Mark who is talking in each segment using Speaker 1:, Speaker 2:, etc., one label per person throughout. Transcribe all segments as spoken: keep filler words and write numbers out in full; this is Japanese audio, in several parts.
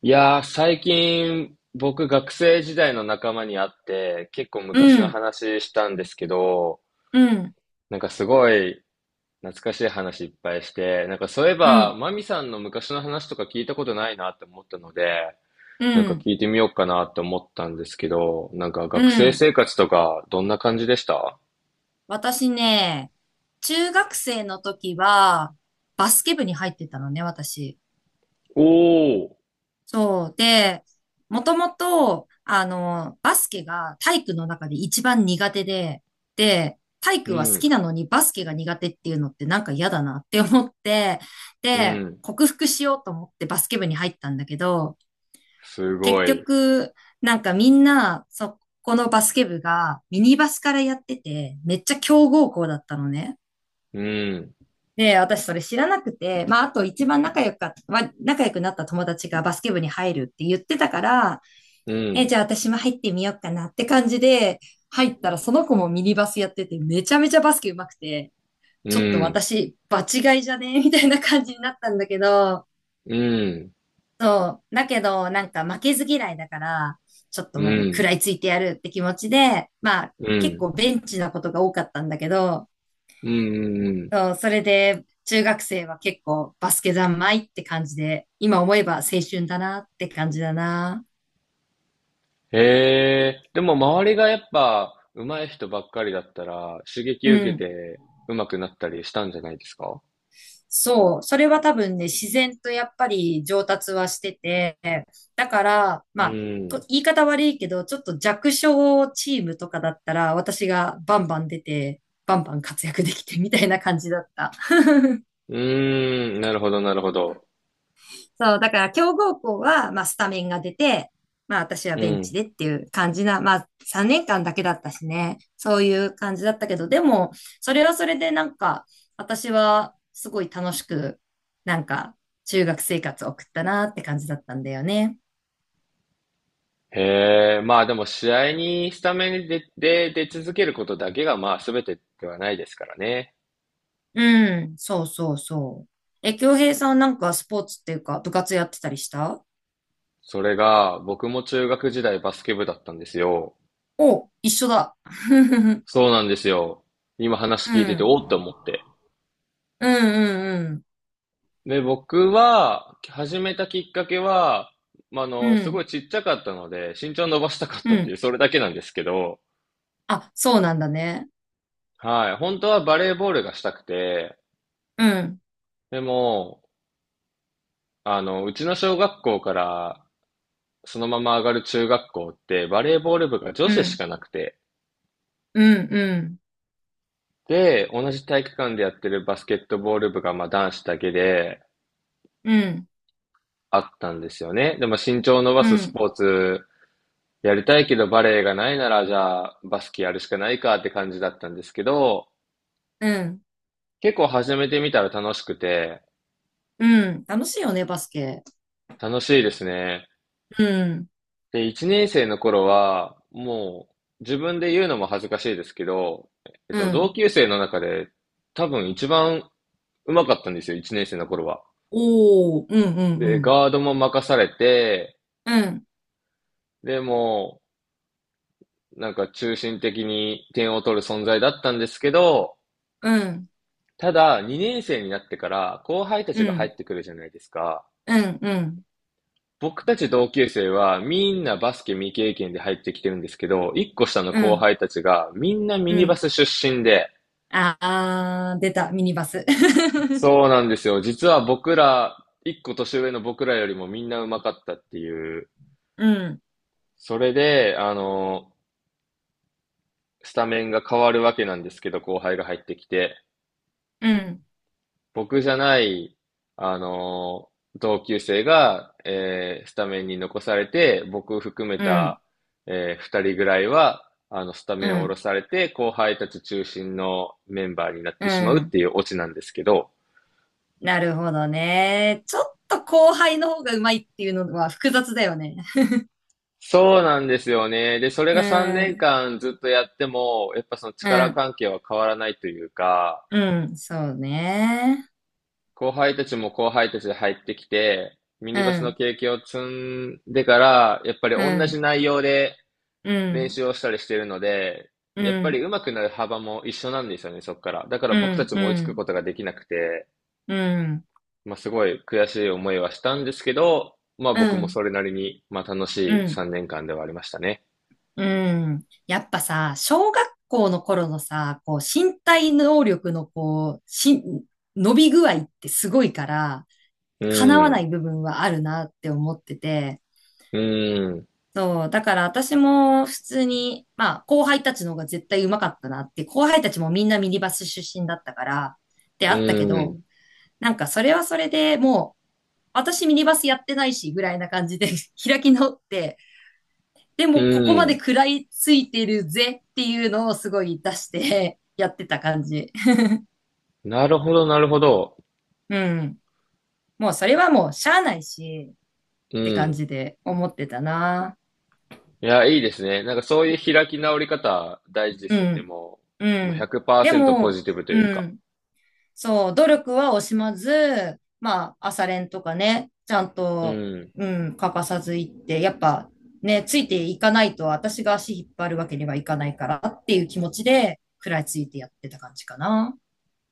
Speaker 1: いやー、最近、僕、学生時代の仲間に会って、結構
Speaker 2: う
Speaker 1: 昔の
Speaker 2: ん、
Speaker 1: 話したんですけど、
Speaker 2: うん、
Speaker 1: なんかすごい懐かしい話いっぱいして、なんかそういえ
Speaker 2: う
Speaker 1: ば、
Speaker 2: ん、
Speaker 1: マミさんの昔の話とか聞いたことないなって思ったので、
Speaker 2: う
Speaker 1: なんか
Speaker 2: ん、
Speaker 1: 聞いてみようかなって思ったんですけど、なんか
Speaker 2: う
Speaker 1: 学生
Speaker 2: ん。
Speaker 1: 生活とか、どんな感じでした？
Speaker 2: 私ね、中学生の時は、バスケ部に入ってたのね、私。
Speaker 1: おお、
Speaker 2: そう。で、もともと、あの、バスケが体育の中で一番苦手で、で、体
Speaker 1: う
Speaker 2: 育は好き
Speaker 1: ん、
Speaker 2: なのにバスケが苦手っていうのってなんか嫌だなって思って、
Speaker 1: う
Speaker 2: で、
Speaker 1: ん、
Speaker 2: 克服しようと思ってバスケ部に入ったんだけど、
Speaker 1: す
Speaker 2: 結
Speaker 1: ごい。
Speaker 2: 局、なんかみんな、そこのバスケ部がミニバスからやってて、めっちゃ強豪校だったのね。
Speaker 1: うん、
Speaker 2: で、私それ知らなくて、まあ、あと一番仲良か、まあ、仲良くなった友達がバスケ部に入るって言ってたから、
Speaker 1: う
Speaker 2: え、
Speaker 1: ん、
Speaker 2: じゃあ私も入ってみようかなって感じで、入ったらその子もミニバスやってて、めちゃめちゃバスケ上手くて、
Speaker 1: う
Speaker 2: ちょっと
Speaker 1: ん、
Speaker 2: 私、場違いじゃねみたいな感じになったんだけど、
Speaker 1: うん、
Speaker 2: だけど、なんか負けず嫌いだから、ちょっ
Speaker 1: う
Speaker 2: ともう食
Speaker 1: ん、
Speaker 2: らいついてやるって気持ちで、まあ
Speaker 1: うん、う
Speaker 2: 結
Speaker 1: ん、
Speaker 2: 構ベンチなことが多かったんだけど、
Speaker 1: うん、うん、
Speaker 2: そうそれで中学生は結構バスケ三昧って感じで、今思えば青春だなって感じだな。
Speaker 1: へえ、でも周りがやっぱ上手い人ばっかりだったら刺激
Speaker 2: う
Speaker 1: 受け
Speaker 2: ん。
Speaker 1: て上手くなったりしたんじゃないですか？
Speaker 2: そう、それは多分ね、自然とやっぱり上達はしてて、だから、ま
Speaker 1: う
Speaker 2: あ、こ
Speaker 1: ん。
Speaker 2: 言い方悪いけど、ちょっと弱小チームとかだったら、私がバンバン出て、バンバン活躍できてみたいな感じだった。
Speaker 1: うーん、なるほど、なるほど。
Speaker 2: そう、だから強豪校は、まあ、スタメンが出て、まあ、私は
Speaker 1: う
Speaker 2: ベンチ
Speaker 1: ん。
Speaker 2: でっていう感じな、まあ、さんねんかんだけだったしね、そういう感じだったけど、でも、それはそれでなんか、私はすごい楽しく、なんか、中学生活を送ったなって感じだったんだよね。
Speaker 1: へえ、まあでも試合にスタメンで、で、出続けることだけがまあ全てではないですからね。
Speaker 2: うん、そうそうそう。え、京平さんなんかスポーツっていうか、部活やってたりした？
Speaker 1: それが僕も中学時代バスケ部だったんですよ。
Speaker 2: お、一緒だ。うん、
Speaker 1: そうなんですよ。今
Speaker 2: う
Speaker 1: 話聞いてて
Speaker 2: ん、
Speaker 1: おーっと思って。
Speaker 2: うん、
Speaker 1: で、僕は、始めたきっかけは、まあ、あ
Speaker 2: うん、
Speaker 1: の、
Speaker 2: う
Speaker 1: すご
Speaker 2: ん、
Speaker 1: いちっちゃかったので、身長伸ばしたかっ
Speaker 2: う
Speaker 1: たっていう、
Speaker 2: ん。
Speaker 1: それだけなんですけど、
Speaker 2: あ、そうなんだね。
Speaker 1: はい。本当はバレーボールがしたくて、
Speaker 2: うん。
Speaker 1: でも、あの、うちの小学校からそのまま上がる中学校って、バレーボール部が女
Speaker 2: う
Speaker 1: 子し
Speaker 2: ん、
Speaker 1: かなくて、
Speaker 2: うん、うん、
Speaker 1: で、同じ体育館でやってるバスケットボール部が、まあ、男子だけで
Speaker 2: うん、
Speaker 1: あったんですよね。でも身長を伸ば
Speaker 2: う
Speaker 1: すス
Speaker 2: ん、
Speaker 1: ポーツやりたいけどバレエがないなら、じゃあバスケやるしかないかって感じだったんですけど、
Speaker 2: うん、
Speaker 1: 結構始めてみたら楽しくて、
Speaker 2: うん。楽しいよね、バスケ。
Speaker 1: 楽しいですね。
Speaker 2: うん、
Speaker 1: で、いちねん生の頃は、もう自分で言うのも恥ずかしいですけど、えっ
Speaker 2: う
Speaker 1: と、同
Speaker 2: ん。
Speaker 1: 級生の中で多分一番上手かったんですよ、いちねん生の頃は。
Speaker 2: おー、うん、うん、う
Speaker 1: で、
Speaker 2: ん。
Speaker 1: ガードも任されて、
Speaker 2: うん、
Speaker 1: でも、なんか中心的に点を取る存在だったんですけど、
Speaker 2: うん、
Speaker 1: ただ、にねん生になってから後輩た
Speaker 2: う
Speaker 1: ちが入
Speaker 2: ん、
Speaker 1: ってくるじゃないですか。
Speaker 2: うん、うん、
Speaker 1: 僕たち同級生はみんなバスケ未経験で入ってきてるんですけど、いっこ下の
Speaker 2: う
Speaker 1: 後
Speaker 2: ん、
Speaker 1: 輩たちがみんなミ
Speaker 2: う
Speaker 1: ニバ
Speaker 2: ん。
Speaker 1: ス出身で、
Speaker 2: あー、出た、ミニバス。
Speaker 1: そうなんですよ。実は僕ら、いっこ年上の僕らよりもみんな上手かったっていう。
Speaker 2: うん、
Speaker 1: それで、あの、スタメンが変わるわけなんですけど、後輩が入ってきて。
Speaker 2: うん、
Speaker 1: 僕じゃない、あのー同級生が、えースタメンに残されて、僕含め
Speaker 2: うん、
Speaker 1: た、えーふたりぐらいは、あの、スタ
Speaker 2: う
Speaker 1: メンを下ろ
Speaker 2: ん、
Speaker 1: されて、後輩たち中心のメンバーになっ
Speaker 2: う
Speaker 1: てしまうっ
Speaker 2: ん。
Speaker 1: ていうオチなんですけど、
Speaker 2: なるほどね。ちょっと後輩の方がうまいっていうのは複雑だよね。
Speaker 1: そうなんですよね。で、そ れ
Speaker 2: う
Speaker 1: が3年
Speaker 2: ん、
Speaker 1: 間ずっとやっても、やっぱその
Speaker 2: う
Speaker 1: 力
Speaker 2: ん、
Speaker 1: 関係は変わらないというか、
Speaker 2: うん、そうね。
Speaker 1: 後輩たちも後輩たちで入ってきて、ミ
Speaker 2: う
Speaker 1: ニバスの
Speaker 2: ん、
Speaker 1: 経験を積んでから、やっぱり
Speaker 2: う
Speaker 1: 同
Speaker 2: ん、
Speaker 1: じ内容で
Speaker 2: う
Speaker 1: 練
Speaker 2: ん。
Speaker 1: 習をしたりしているので、
Speaker 2: う
Speaker 1: やっぱり
Speaker 2: ん、
Speaker 1: 上手くなる幅も一緒なんですよね、そこから。だから
Speaker 2: う
Speaker 1: 僕た
Speaker 2: ん、
Speaker 1: ち
Speaker 2: う
Speaker 1: も追いつく
Speaker 2: ん、
Speaker 1: ことができなくて、
Speaker 2: うん、
Speaker 1: まあ、すごい悔しい思いはしたんですけど、まあ
Speaker 2: う
Speaker 1: 僕も
Speaker 2: ん、
Speaker 1: それなりに、まあ楽
Speaker 2: う
Speaker 1: しい
Speaker 2: ん、
Speaker 1: さんねんかんではありましたね。
Speaker 2: うん。やっぱさ、小学校の頃のさ、こう、身体能力のこう、し、伸び具合ってすごいから、
Speaker 1: う
Speaker 2: 叶わ
Speaker 1: ー
Speaker 2: な
Speaker 1: ん、
Speaker 2: い部分はあるなって思ってて、
Speaker 1: うーん、
Speaker 2: そう、だから私も普通に、まあ、後輩たちの方が絶対上手かったなって、後輩たちもみんなミニバス出身だったから、って
Speaker 1: う
Speaker 2: あったけ
Speaker 1: ー
Speaker 2: ど、
Speaker 1: ん、
Speaker 2: なんかそれはそれでもう、私ミニバスやってないし、ぐらいな感じで 開き直って、で
Speaker 1: う
Speaker 2: もここま
Speaker 1: ー
Speaker 2: で
Speaker 1: ん。
Speaker 2: 食らいついてるぜっていうのをすごい出して やってた感じ。
Speaker 1: なるほど、なるほど。
Speaker 2: うん。もうそれはもうしゃあないし
Speaker 1: う
Speaker 2: って感
Speaker 1: ん。
Speaker 2: じで思ってたな。
Speaker 1: いや、いいですね。なんかそういう開き直り方大事で
Speaker 2: う
Speaker 1: すよね。
Speaker 2: ん。
Speaker 1: も
Speaker 2: う
Speaker 1: う、もう
Speaker 2: ん。で
Speaker 1: ひゃくパーセントポ
Speaker 2: も、
Speaker 1: ジティブとい
Speaker 2: う
Speaker 1: うか。
Speaker 2: ん。そう、努力は惜しまず、まあ、朝練とかね、ちゃん
Speaker 1: う
Speaker 2: と、
Speaker 1: ん、
Speaker 2: うん、欠かさず行って、やっぱね、ついていかないと私が足引っ張るわけにはいかないからっていう気持ちで食らいついてやってた感じかな。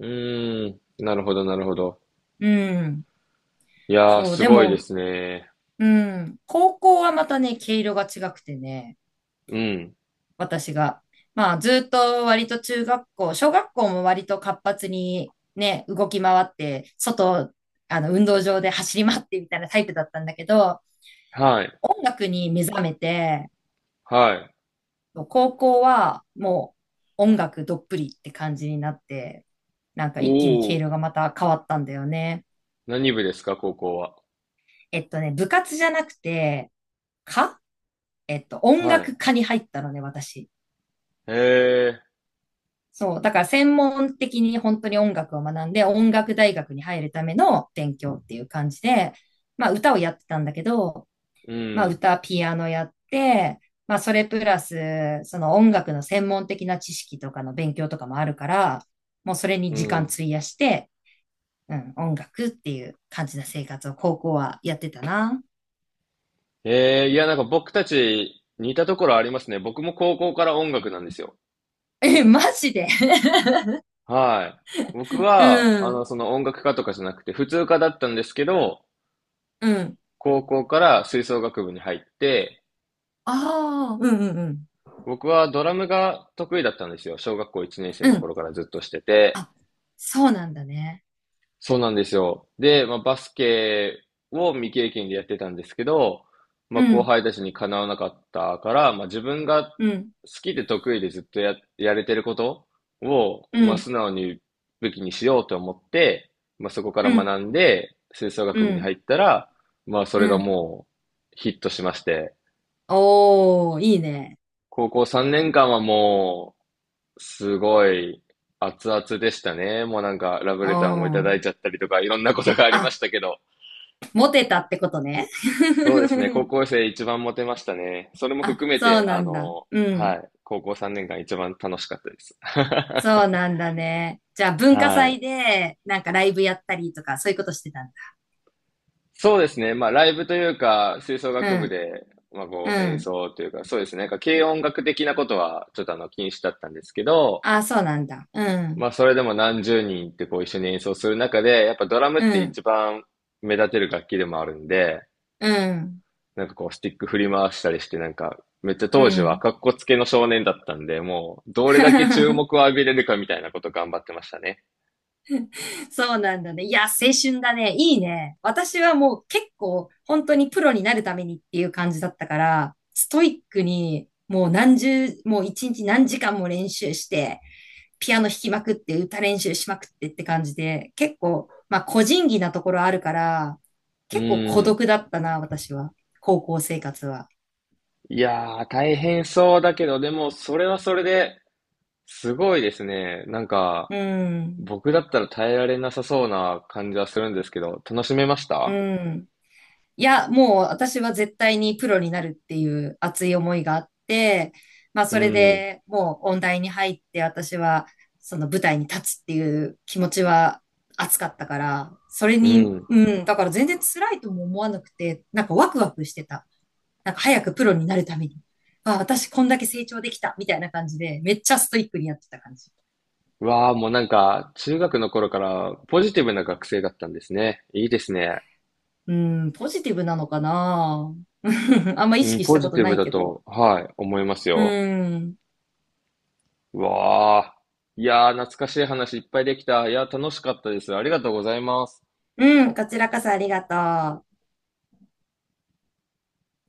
Speaker 1: うーん。なるほど、なるほど。
Speaker 2: うん。
Speaker 1: いやー、
Speaker 2: そう、
Speaker 1: す
Speaker 2: で
Speaker 1: ごいで
Speaker 2: も、
Speaker 1: すね。
Speaker 2: うん。高校はまたね、毛色が違くてね、
Speaker 1: うん。
Speaker 2: 私が。まあ、ずっと割と中学校、小学校も割と活発にね、動き回って、外、あの、運動場で走り回ってみたいなタイプだったんだけど、
Speaker 1: はい。
Speaker 2: 音楽に目覚めて、
Speaker 1: はい。
Speaker 2: 高校はもう音楽どっぷりって感じになって、なんか一気に毛
Speaker 1: お
Speaker 2: 色
Speaker 1: お、
Speaker 2: がまた変わったんだよね。
Speaker 1: 何部ですか、高校は？
Speaker 2: えっとね、部活じゃなくて、かえっと、音
Speaker 1: はい。
Speaker 2: 楽科に入ったのね、私。
Speaker 1: へえ、
Speaker 2: そう。だから専門的に本当に音楽を学んで、音楽大学に入るための勉強っていう感じで、まあ歌をやってたんだけど、
Speaker 1: う
Speaker 2: まあ
Speaker 1: ん、
Speaker 2: 歌、ピアノやって、まあそれプラス、その音楽の専門的な知識とかの勉強とかもあるから、もうそれに
Speaker 1: う
Speaker 2: 時間
Speaker 1: ん。
Speaker 2: 費やして、うん、音楽っていう感じの生活を高校はやってたな。
Speaker 1: ええ、いや、なんか僕たち似たところありますね。僕も高校から音楽なんですよ。
Speaker 2: え、マジで？
Speaker 1: はい。僕
Speaker 2: う
Speaker 1: は、あ
Speaker 2: ん、
Speaker 1: の、その音楽科とかじゃなくて、普通科だったんですけど、
Speaker 2: うん。
Speaker 1: 高校から吹奏楽部に入って、
Speaker 2: ああ、うんうんうん。
Speaker 1: 僕はドラムが得意だったんですよ。小学校いちねん生
Speaker 2: う
Speaker 1: の
Speaker 2: ん。
Speaker 1: 頃からずっとしてて。
Speaker 2: あ、そうなんだね。
Speaker 1: そうなんですよ。で、まあ、バスケを未経験でやってたんですけど、ま
Speaker 2: う
Speaker 1: あ、後
Speaker 2: ん、
Speaker 1: 輩たちにかなわなかったから、まあ、自分が
Speaker 2: うん。
Speaker 1: 好きで得意でずっとや、やれてることを、
Speaker 2: う
Speaker 1: まあ、
Speaker 2: ん、
Speaker 1: 素直に武器にしようと思って、まあ、そこから
Speaker 2: うん、
Speaker 1: 学んで、吹奏
Speaker 2: う
Speaker 1: 楽部に
Speaker 2: ん、
Speaker 1: 入ったら、まあ、そ
Speaker 2: う
Speaker 1: れが
Speaker 2: ん。
Speaker 1: もうヒットしまして、
Speaker 2: おー、いいね。
Speaker 1: 高校さんねんかんはもう、すごい熱々でしたね。もうなんか、ラブ
Speaker 2: お
Speaker 1: レターもいただ
Speaker 2: ー。
Speaker 1: いちゃったりとか、いろんなことがありま
Speaker 2: あ、
Speaker 1: したけど。
Speaker 2: モテたってことね。
Speaker 1: そうですね、高 校生一番モテましたね。それも
Speaker 2: あ、
Speaker 1: 含めて、
Speaker 2: そうな
Speaker 1: あ
Speaker 2: んだ。
Speaker 1: の、
Speaker 2: う
Speaker 1: は
Speaker 2: ん。
Speaker 1: い、高校さんねんかん一番楽しかったです。
Speaker 2: そう なんだね。じゃあ、文化
Speaker 1: は
Speaker 2: 祭
Speaker 1: い。
Speaker 2: で、なんかライブやったりとか、そういうことしてたんだ。
Speaker 1: そうですね、まあ、ライブというか、吹奏
Speaker 2: う
Speaker 1: 楽部
Speaker 2: ん、
Speaker 1: で、まあ、
Speaker 2: う
Speaker 1: こう、演
Speaker 2: ん。
Speaker 1: 奏というか、そうですね、なんか軽音楽的なことは、ちょっとあの、禁止だったんですけど、
Speaker 2: あ、そうなんだ。うん、
Speaker 1: まあ、それでも何十人ってこう、一緒に演奏する中で、やっぱドラムっ
Speaker 2: う
Speaker 1: て
Speaker 2: ん、
Speaker 1: 一番目立てる楽器でもあるんで、
Speaker 2: うん、
Speaker 1: なんかこう、スティック振り回したりして、なんか、めっちゃ
Speaker 2: う
Speaker 1: 当時は
Speaker 2: ん。
Speaker 1: 格好つけの少年だったんで、もう、どれだけ注 目を浴びれるかみたいなこと頑張ってましたね。
Speaker 2: そうなんだね。いや、青春だね。いいね。私はもう結構本当にプロになるためにっていう感じだったから、ストイックにもう何十、もう一日何時間も練習して、ピアノ弾きまくって、歌練習しまくってって感じで、結構、まあ個人技なところあるから、
Speaker 1: う
Speaker 2: 結構孤
Speaker 1: ん。
Speaker 2: 独だったな、私は。高校生活は。
Speaker 1: いやー、大変そうだけど、でも、それはそれで、すごいですね。なんか、
Speaker 2: うん。
Speaker 1: 僕だったら耐えられなさそうな感じはするんですけど、楽しめまし
Speaker 2: う
Speaker 1: た？
Speaker 2: ん。いや、もう私は絶対にプロになるっていう熱い思いがあって、まあ
Speaker 1: う
Speaker 2: それ
Speaker 1: ん、
Speaker 2: でもう音大に入って私はその舞台に立つっていう気持ちは熱かったから、それ
Speaker 1: う
Speaker 2: に、
Speaker 1: ん。
Speaker 2: うん、だから全然辛いとも思わなくて、なんかワクワクしてた。なんか早くプロになるために。あ、私こんだけ成長できたみたいな感じで、めっちゃストイックにやってた感じ。
Speaker 1: うわー、もうなんか、中学の頃からポジティブな学生だったんですね。いいですね。
Speaker 2: うん、ポジティブなのかな？ あんま意
Speaker 1: うん、
Speaker 2: 識し
Speaker 1: ポ
Speaker 2: たこ
Speaker 1: ジ
Speaker 2: と
Speaker 1: ティ
Speaker 2: な
Speaker 1: ブ
Speaker 2: い
Speaker 1: だ
Speaker 2: けど。
Speaker 1: と、はい、思います
Speaker 2: う
Speaker 1: よ。
Speaker 2: ん。
Speaker 1: うわあ。いやー、懐かしい話いっぱいできた。いやー、楽しかったです。ありがとうございます。
Speaker 2: うん、こちらこそありがとう。